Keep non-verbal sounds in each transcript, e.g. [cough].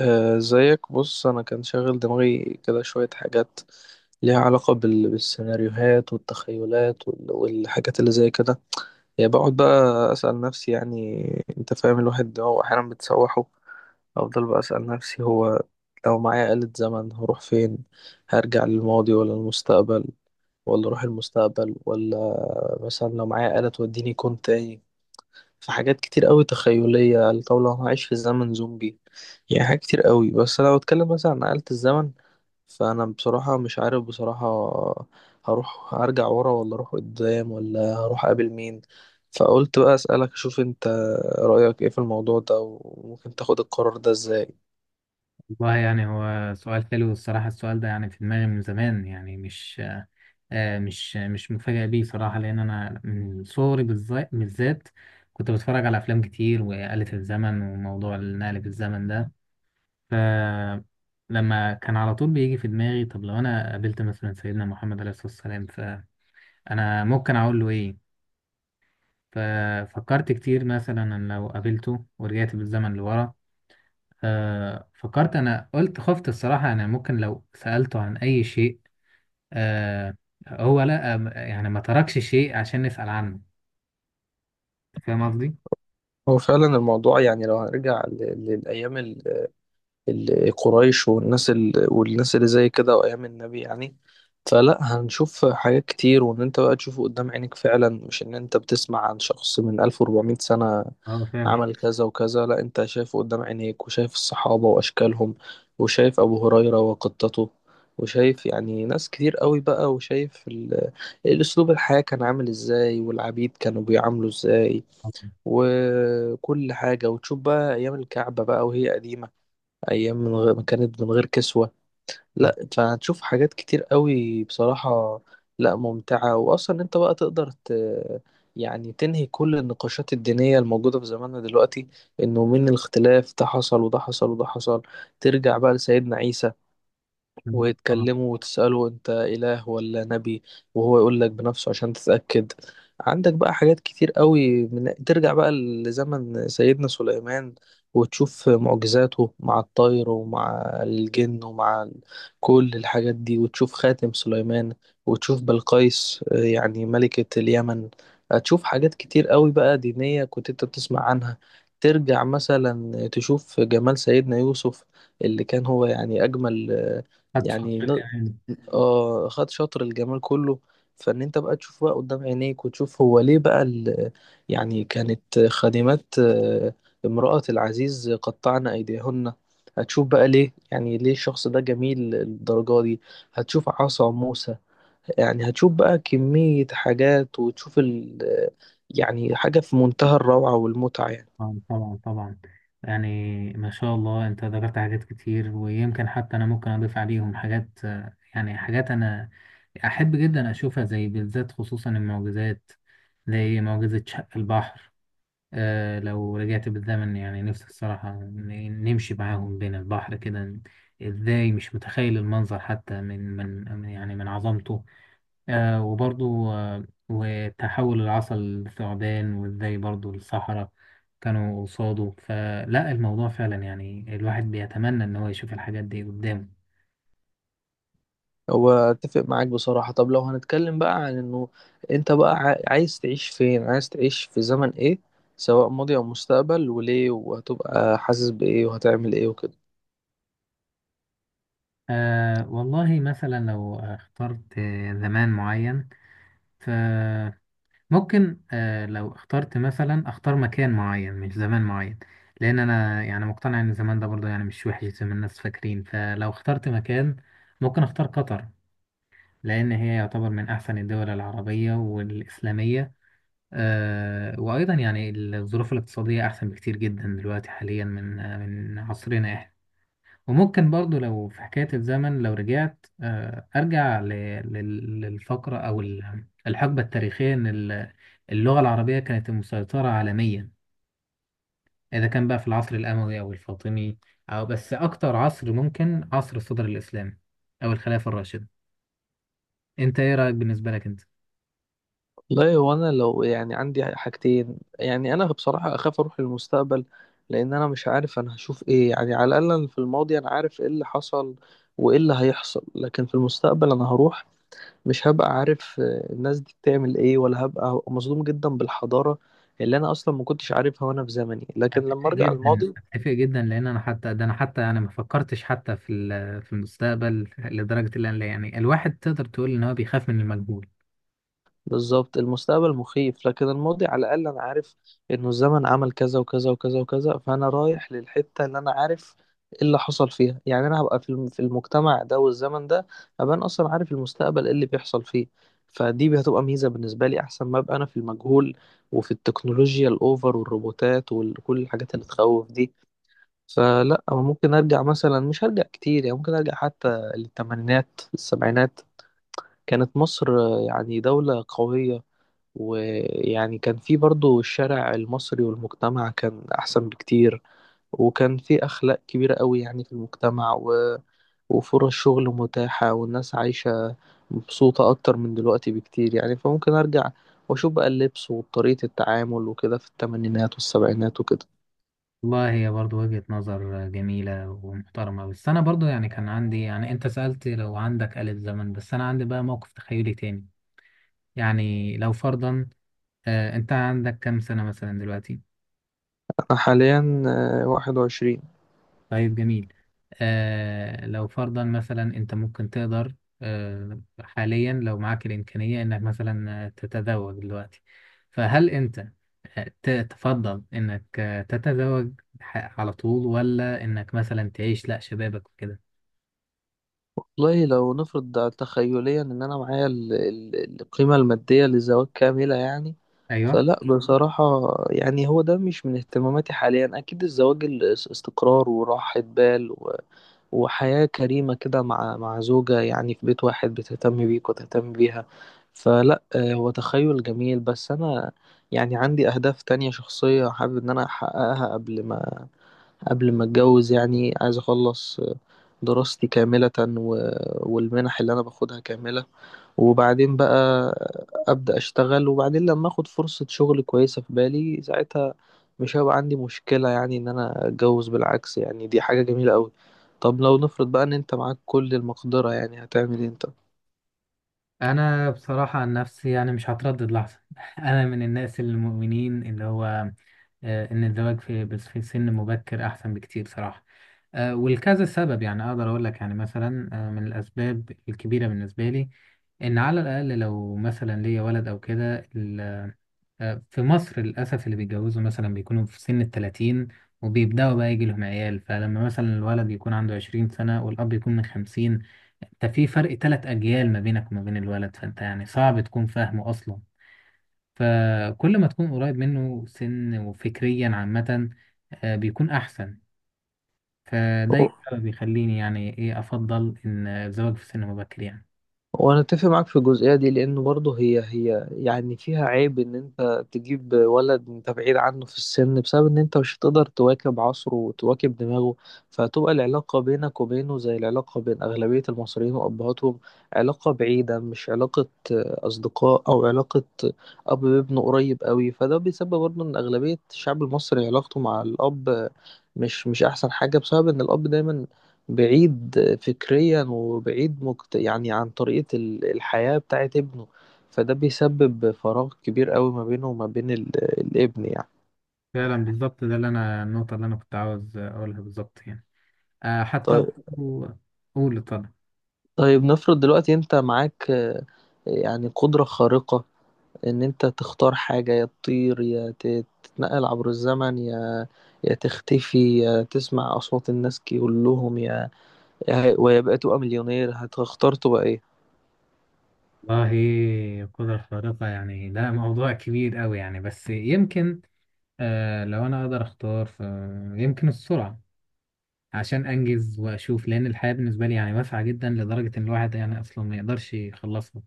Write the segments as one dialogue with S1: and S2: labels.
S1: زيك بص انا كان شاغل دماغي كده شوية حاجات ليها علاقة بالسيناريوهات والتخيلات والحاجات اللي زي كده. يعني بقعد بقى اسأل نفسي، يعني انت فاهم، الواحد ده هو احيانا بتسوحه. افضل بقى اسأل نفسي، هو لو معايا آلة زمن هروح فين؟ هرجع للماضي ولا المستقبل؟ ولا اروح المستقبل ولا مثلا لو معايا آلة توديني كون تاني؟ في حاجات كتير قوي تخيلية، لو هعيش في زمن زومبي، يعني حاجات كتير قوي. بس لو اتكلم مثلا عن آلة الزمن، فأنا بصراحة مش عارف بصراحة، هروح أرجع ورا ولا أروح قدام ولا هروح أقابل مين. فقلت بقى أسألك أشوف أنت رأيك إيه في الموضوع ده، وممكن تاخد القرار ده إزاي.
S2: والله يعني هو سؤال حلو الصراحة. السؤال ده يعني في دماغي من زمان. يعني مش آه، مش مش مفاجئ بيه صراحة، لأن أنا من صغري بالذات بالذات كنت بتفرج على أفلام كتير، وآلة الزمن وموضوع النقل في الزمن ده، فلما كان على طول بيجي في دماغي طب لو أنا قابلت مثلا سيدنا محمد عليه الصلاة والسلام، فأنا ممكن أقول له إيه؟ ففكرت كتير مثلا أن لو قابلته ورجعت بالزمن لورا. فكرت، انا قلت خفت الصراحة، انا ممكن لو سألته عن اي شيء. آه. هو لا، آه يعني ما تركش شيء عشان نسأل عنه. فاهم قصدي؟
S1: هو فعلا الموضوع، يعني لو هنرجع للأيام القريش والناس والناس اللي زي كده وايام النبي، يعني فلا هنشوف حاجات كتير. وان انت بقى تشوفه قدام عينك فعلا، مش ان انت بتسمع عن شخص من 1400 سنة
S2: اه فعلا.
S1: عمل كذا وكذا. لا، انت شايفه قدام عينيك، وشايف الصحابة واشكالهم، وشايف ابو هريرة وقطته، وشايف يعني ناس كتير قوي بقى، وشايف الاسلوب الحياة كان عامل ازاي، والعبيد كانوا بيعاملوا ازاي،
S2: طبعا.
S1: وكل حاجة. وتشوف بقى ايام الكعبة بقى وهي قديمة، ايام من غير كانت من غير كسوة. لا، فهتشوف حاجات كتير قوي بصراحة، لا ممتعة. واصلا انت بقى تقدر يعني تنهي كل النقاشات الدينية الموجودة في زماننا دلوقتي، انه من الاختلاف ده حصل وده حصل وده حصل. ترجع بقى لسيدنا عيسى
S2: آه، طبعا.
S1: وتكلمه وتسأله أنت إله ولا نبي، وهو يقول لك بنفسه عشان تتأكد. عندك بقى حاجات كتير قوي ترجع بقى لزمن سيدنا سليمان وتشوف معجزاته مع الطير ومع الجن ومع كل الحاجات دي، وتشوف خاتم سليمان، وتشوف بلقيس، يعني ملكة اليمن. هتشوف حاجات كتير قوي بقى دينية كنت انت بتسمع عنها. ترجع مثلا تشوف جمال سيدنا يوسف، اللي كان هو يعني أجمل،
S2: خدت
S1: يعني
S2: شاطر
S1: ن-
S2: كمان.
S1: آه، خد شطر الجمال كله. فان انت بقى تشوف بقى قدام عينيك، وتشوف هو ليه بقى يعني كانت خادمات، امرأة العزيز قطعن ايديهن. هتشوف بقى ليه، يعني ليه الشخص ده جميل الدرجة دي. هتشوف عصا موسى، يعني هتشوف بقى كمية حاجات، وتشوف يعني حاجة في منتهى الروعة والمتعة يعني.
S2: آه، طبعا طبعا. يعني ما شاء الله انت ذكرت حاجات كتير، ويمكن حتى انا ممكن اضيف عليهم حاجات، يعني حاجات انا احب جدا اشوفها، زي بالذات خصوصا المعجزات، زي معجزة شق البحر. آه لو رجعت بالزمن يعني نفسي الصراحة نمشي معاهم بين البحر كده. ازاي؟ مش متخيل المنظر حتى يعني من عظمته. آه وبرضو آه وتحول العصا للثعبان، وازاي برضو الصحراء كانوا قصاده. فلا الموضوع فعلا يعني الواحد بيتمنى ان هو يشوف الحاجات دي قدامه.
S1: هو اتفق معاك بصراحة. طب لو هنتكلم بقى عن انه انت بقى عايز تعيش فين، عايز تعيش في زمن ايه، سواء ماضي او مستقبل، وليه، وهتبقى حاسس بايه، وهتعمل ايه وكده.
S2: آه والله مثلا لو اخترت آه، زمان معين، ف ممكن آه لو اخترت مثلا اختار مكان معين مش زمان معين، لان انا يعني مقتنع ان زمان ده برضه يعني مش وحش زي ما الناس فاكرين. فلو اخترت مكان، ممكن اختار قطر، لان هي يعتبر من احسن الدول العربية والاسلامية. آه وايضا يعني الظروف الاقتصادية احسن بكتير جدا دلوقتي حاليا من آه من عصرنا. وممكن برضو لو في حكاية الزمن، لو رجعت آه، أرجع للفقرة أو الحقبة التاريخية إن اللغة العربية كانت مسيطرة عالميا، إذا كان بقى في العصر الأموي أو الفاطمي، أو أكتر عصر ممكن عصر الصدر الإسلامي أو الخلافة الراشدة. أنت إيه رأيك بالنسبة لك أنت؟
S1: والله هو انا لو يعني عندي حاجتين، يعني انا بصراحة اخاف اروح للمستقبل، لان انا مش عارف انا هشوف ايه. يعني على الاقل أنا في الماضي انا عارف ايه اللي حصل وايه اللي هيحصل، لكن في المستقبل انا هروح مش هبقى عارف، الناس دي بتعمل ايه، ولا هبقى مصدوم جدا بالحضارة اللي انا اصلا ما كنتش عارفها وانا في زمني. لكن لما
S2: أتفق
S1: ارجع
S2: جدا،
S1: الماضي
S2: أتفق جدا، لأن أنا حتى ده أنا حتى يعني ما فكرتش حتى في المستقبل، لدرجة اللي أنا يعني الواحد تقدر تقول إن هو بيخاف من المجهول.
S1: بالظبط، المستقبل مخيف، لكن الماضي على الاقل انا عارف انه الزمن عمل كذا وكذا وكذا وكذا، فانا رايح للحتة اللي انا عارف ايه اللي حصل فيها. يعني انا هبقى في في المجتمع ده والزمن ده، هبقى انا اصلا عارف المستقبل ايه اللي بيحصل فيه، فدي هتبقى ميزة بالنسبة لي، احسن ما ابقى انا في المجهول وفي التكنولوجيا الاوفر والروبوتات وكل الحاجات اللي تخوف دي. فلا، أو ممكن ارجع مثلا، مش هرجع كتير، يعني ممكن ارجع حتى للثمانينات السبعينات. كانت مصر، يعني دولة قوية، ويعني كان في برضو الشارع المصري والمجتمع كان احسن بكتير، وكان في اخلاق كبيرة قوي يعني في المجتمع وفرص شغل متاحة والناس عايشة مبسوطة اكتر من دلوقتي بكتير. يعني فممكن ارجع واشوف بقى اللبس وطريقة التعامل وكده في الثمانينات والسبعينات وكده.
S2: والله هي برضو وجهة نظر جميلة ومحترمة، بس أنا برضو يعني كان عندي، يعني أنت سألت لو عندك آلة زمن، بس أنا عندي بقى موقف تخيلي تاني. يعني لو فرضا، آه أنت عندك كام سنة مثلا دلوقتي؟
S1: انا حاليا واحد وعشرين.
S2: طيب جميل. آه لو فرضا مثلا أنت ممكن تقدر، آه حاليا لو معاك الإمكانية إنك مثلا آه، تتزوج دلوقتي، فهل أنت آه، تفضل إنك آه، تتزوج على طول، ولا إنك مثلا تعيش لأ شبابك وكده؟
S1: والله لو نفرض ده تخيليا ان انا معايا القيمة المادية للزواج كاملة يعني،
S2: أيوه.
S1: فلا بصراحة، يعني هو ده مش من اهتماماتي حاليا. اكيد الزواج استقرار وراحة بال وحياة كريمة كده مع زوجة، يعني في بيت واحد بتهتم بيك وتهتم بيها. فلا، هو تخيل جميل، بس انا يعني عندي اهداف تانية شخصية حابب ان انا احققها قبل ما قبل ما اتجوز. يعني عايز اخلص دراستي كاملة والمنح اللي انا باخدها كاملة، وبعدين بقى ابدأ اشتغل، وبعدين لما اخد فرصة شغل كويسة في بالي ساعتها، مش هيبقى عندي مشكلة يعني ان انا اتجوز، بالعكس يعني دي حاجة جميلة قوي. طب لو نفرض بقى ان انت معاك كل المقدرة، يعني هتعمل ايه انت؟
S2: انا بصراحه عن نفسي يعني مش هتردد لحظه. [laughs] انا من الناس المؤمنين اللي هو آه، ان الزواج في بس في سن مبكر احسن بكتير صراحه. آه، ولكذا سبب، يعني اقدر اقول لك، يعني مثلا آه، من الاسباب الكبيره بالنسبه لي ان على الاقل لو مثلا ليا ولد او كده، آه، في مصر للأسف اللي بيتجوزوا مثلا بيكونوا في سن الـ30، وبيبدأوا بقى يجي لهم عيال، فلما مثلا الولد يكون عنده 20 سنة والأب يكون من 50، انت في فرق تلات أجيال ما بينك وما بين الولد، فانت يعني صعب تكون فاهمه أصلا. فكل ما تكون قريب منه سن وفكريا عامة، آه، بيكون أحسن. فده السبب بيخليني يعني إيه أفضل إن الزواج في سن مبكر يعني.
S1: وانا اتفق معاك في الجزئيه دي، لانه برضه هي يعني فيها عيب ان انت تجيب ولد انت بعيد عنه في السن، بسبب ان انت مش هتقدر تواكب عصره وتواكب دماغه، فتبقى العلاقه بينك وبينه زي العلاقه بين اغلبيه المصريين وابهاتهم. علاقه بعيده، مش علاقه، اصدقاء او علاقه اب بابنه قريب قوي. فده بيسبب برضه ان اغلبيه الشعب المصري علاقته مع الاب، مش احسن حاجه، بسبب ان الاب دايما بعيد فكريا وبعيد يعني عن طريقة الحياة بتاعت ابنه. فده بيسبب فراغ كبير قوي ما بينه وما بين الابن يعني.
S2: فعلا بالظبط، ده اللي أنا النقطة اللي أنا كنت عاوز أقولها بالظبط يعني، آه، حتى
S1: طيب.
S2: برضو- قول اتفضل.
S1: طيب نفرض دلوقتي انت معاك، يعني قدرة خارقة، ان انت تختار حاجة، يا تطير، يا تتنقل عبر الزمن، يا يا تختفي، يا تسمع أصوات الناس كلهم، يا ويبقى تبقى مليونير. هتختار تبقى ايه؟
S2: والله القدرة الخارقة يعني ده موضوع كبير قوي يعني، بس يمكن آه لو أنا أقدر أختار فيمكن السرعة، عشان أنجز وأشوف، لأن الحياة بالنسبة لي يعني واسعة جدا، لدرجة إن الواحد يعني أصلا ما يقدرش يخلصها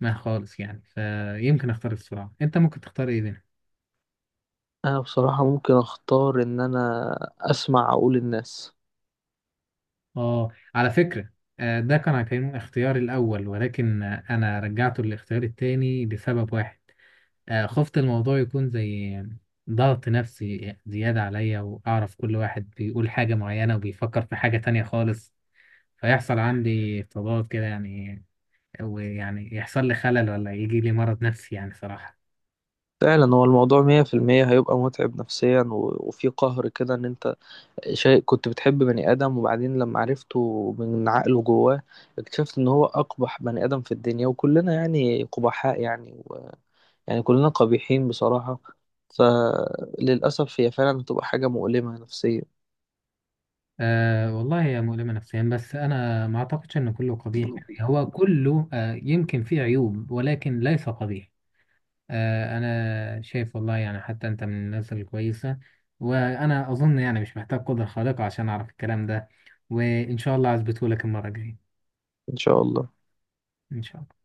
S2: ما خالص يعني. فيمكن أختار السرعة. أنت ممكن تختار إيه بينهم؟
S1: انا بصراحة ممكن اختار ان انا اسمع عقول الناس.
S2: آه على فكرة، آه ده كان هيكون اختياري الأول، ولكن آه، أنا رجعته للاختيار التاني لسبب واحد. آه، خفت الموضوع يكون زي ضغط نفسي زيادة عليا، وأعرف كل واحد بيقول حاجة معينة وبيفكر في حاجة تانية خالص، فيحصل عندي تضاد كده يعني، ويعني يحصل لي خلل، ولا يجي لي مرض نفسي يعني صراحة.
S1: فعلا هو الموضوع مية في المية هيبقى متعب نفسيا وفي قهر كده، ان انت شيء كنت بتحب بني ادم، وبعدين لما عرفته من عقله جواه اكتشفت ان هو اقبح بني ادم في الدنيا، وكلنا يعني قبحاء يعني يعني كلنا قبيحين بصراحة. فللأسف هي فعلا هتبقى حاجة مؤلمة نفسيا.
S2: أه والله هي مؤلمة نفسيا، بس أنا ما أعتقدش إن كله قبيح. يعني هو كله أه يمكن فيه عيوب، ولكن ليس قبيح. آه، انا شايف والله يعني حتى انت من الناس الكويسه، وانا اظن يعني مش محتاج قدره خارقه عشان اعرف الكلام ده، وان شاء الله اثبته لك المره الجايه.
S1: ان شاء الله.
S2: ان شاء الله.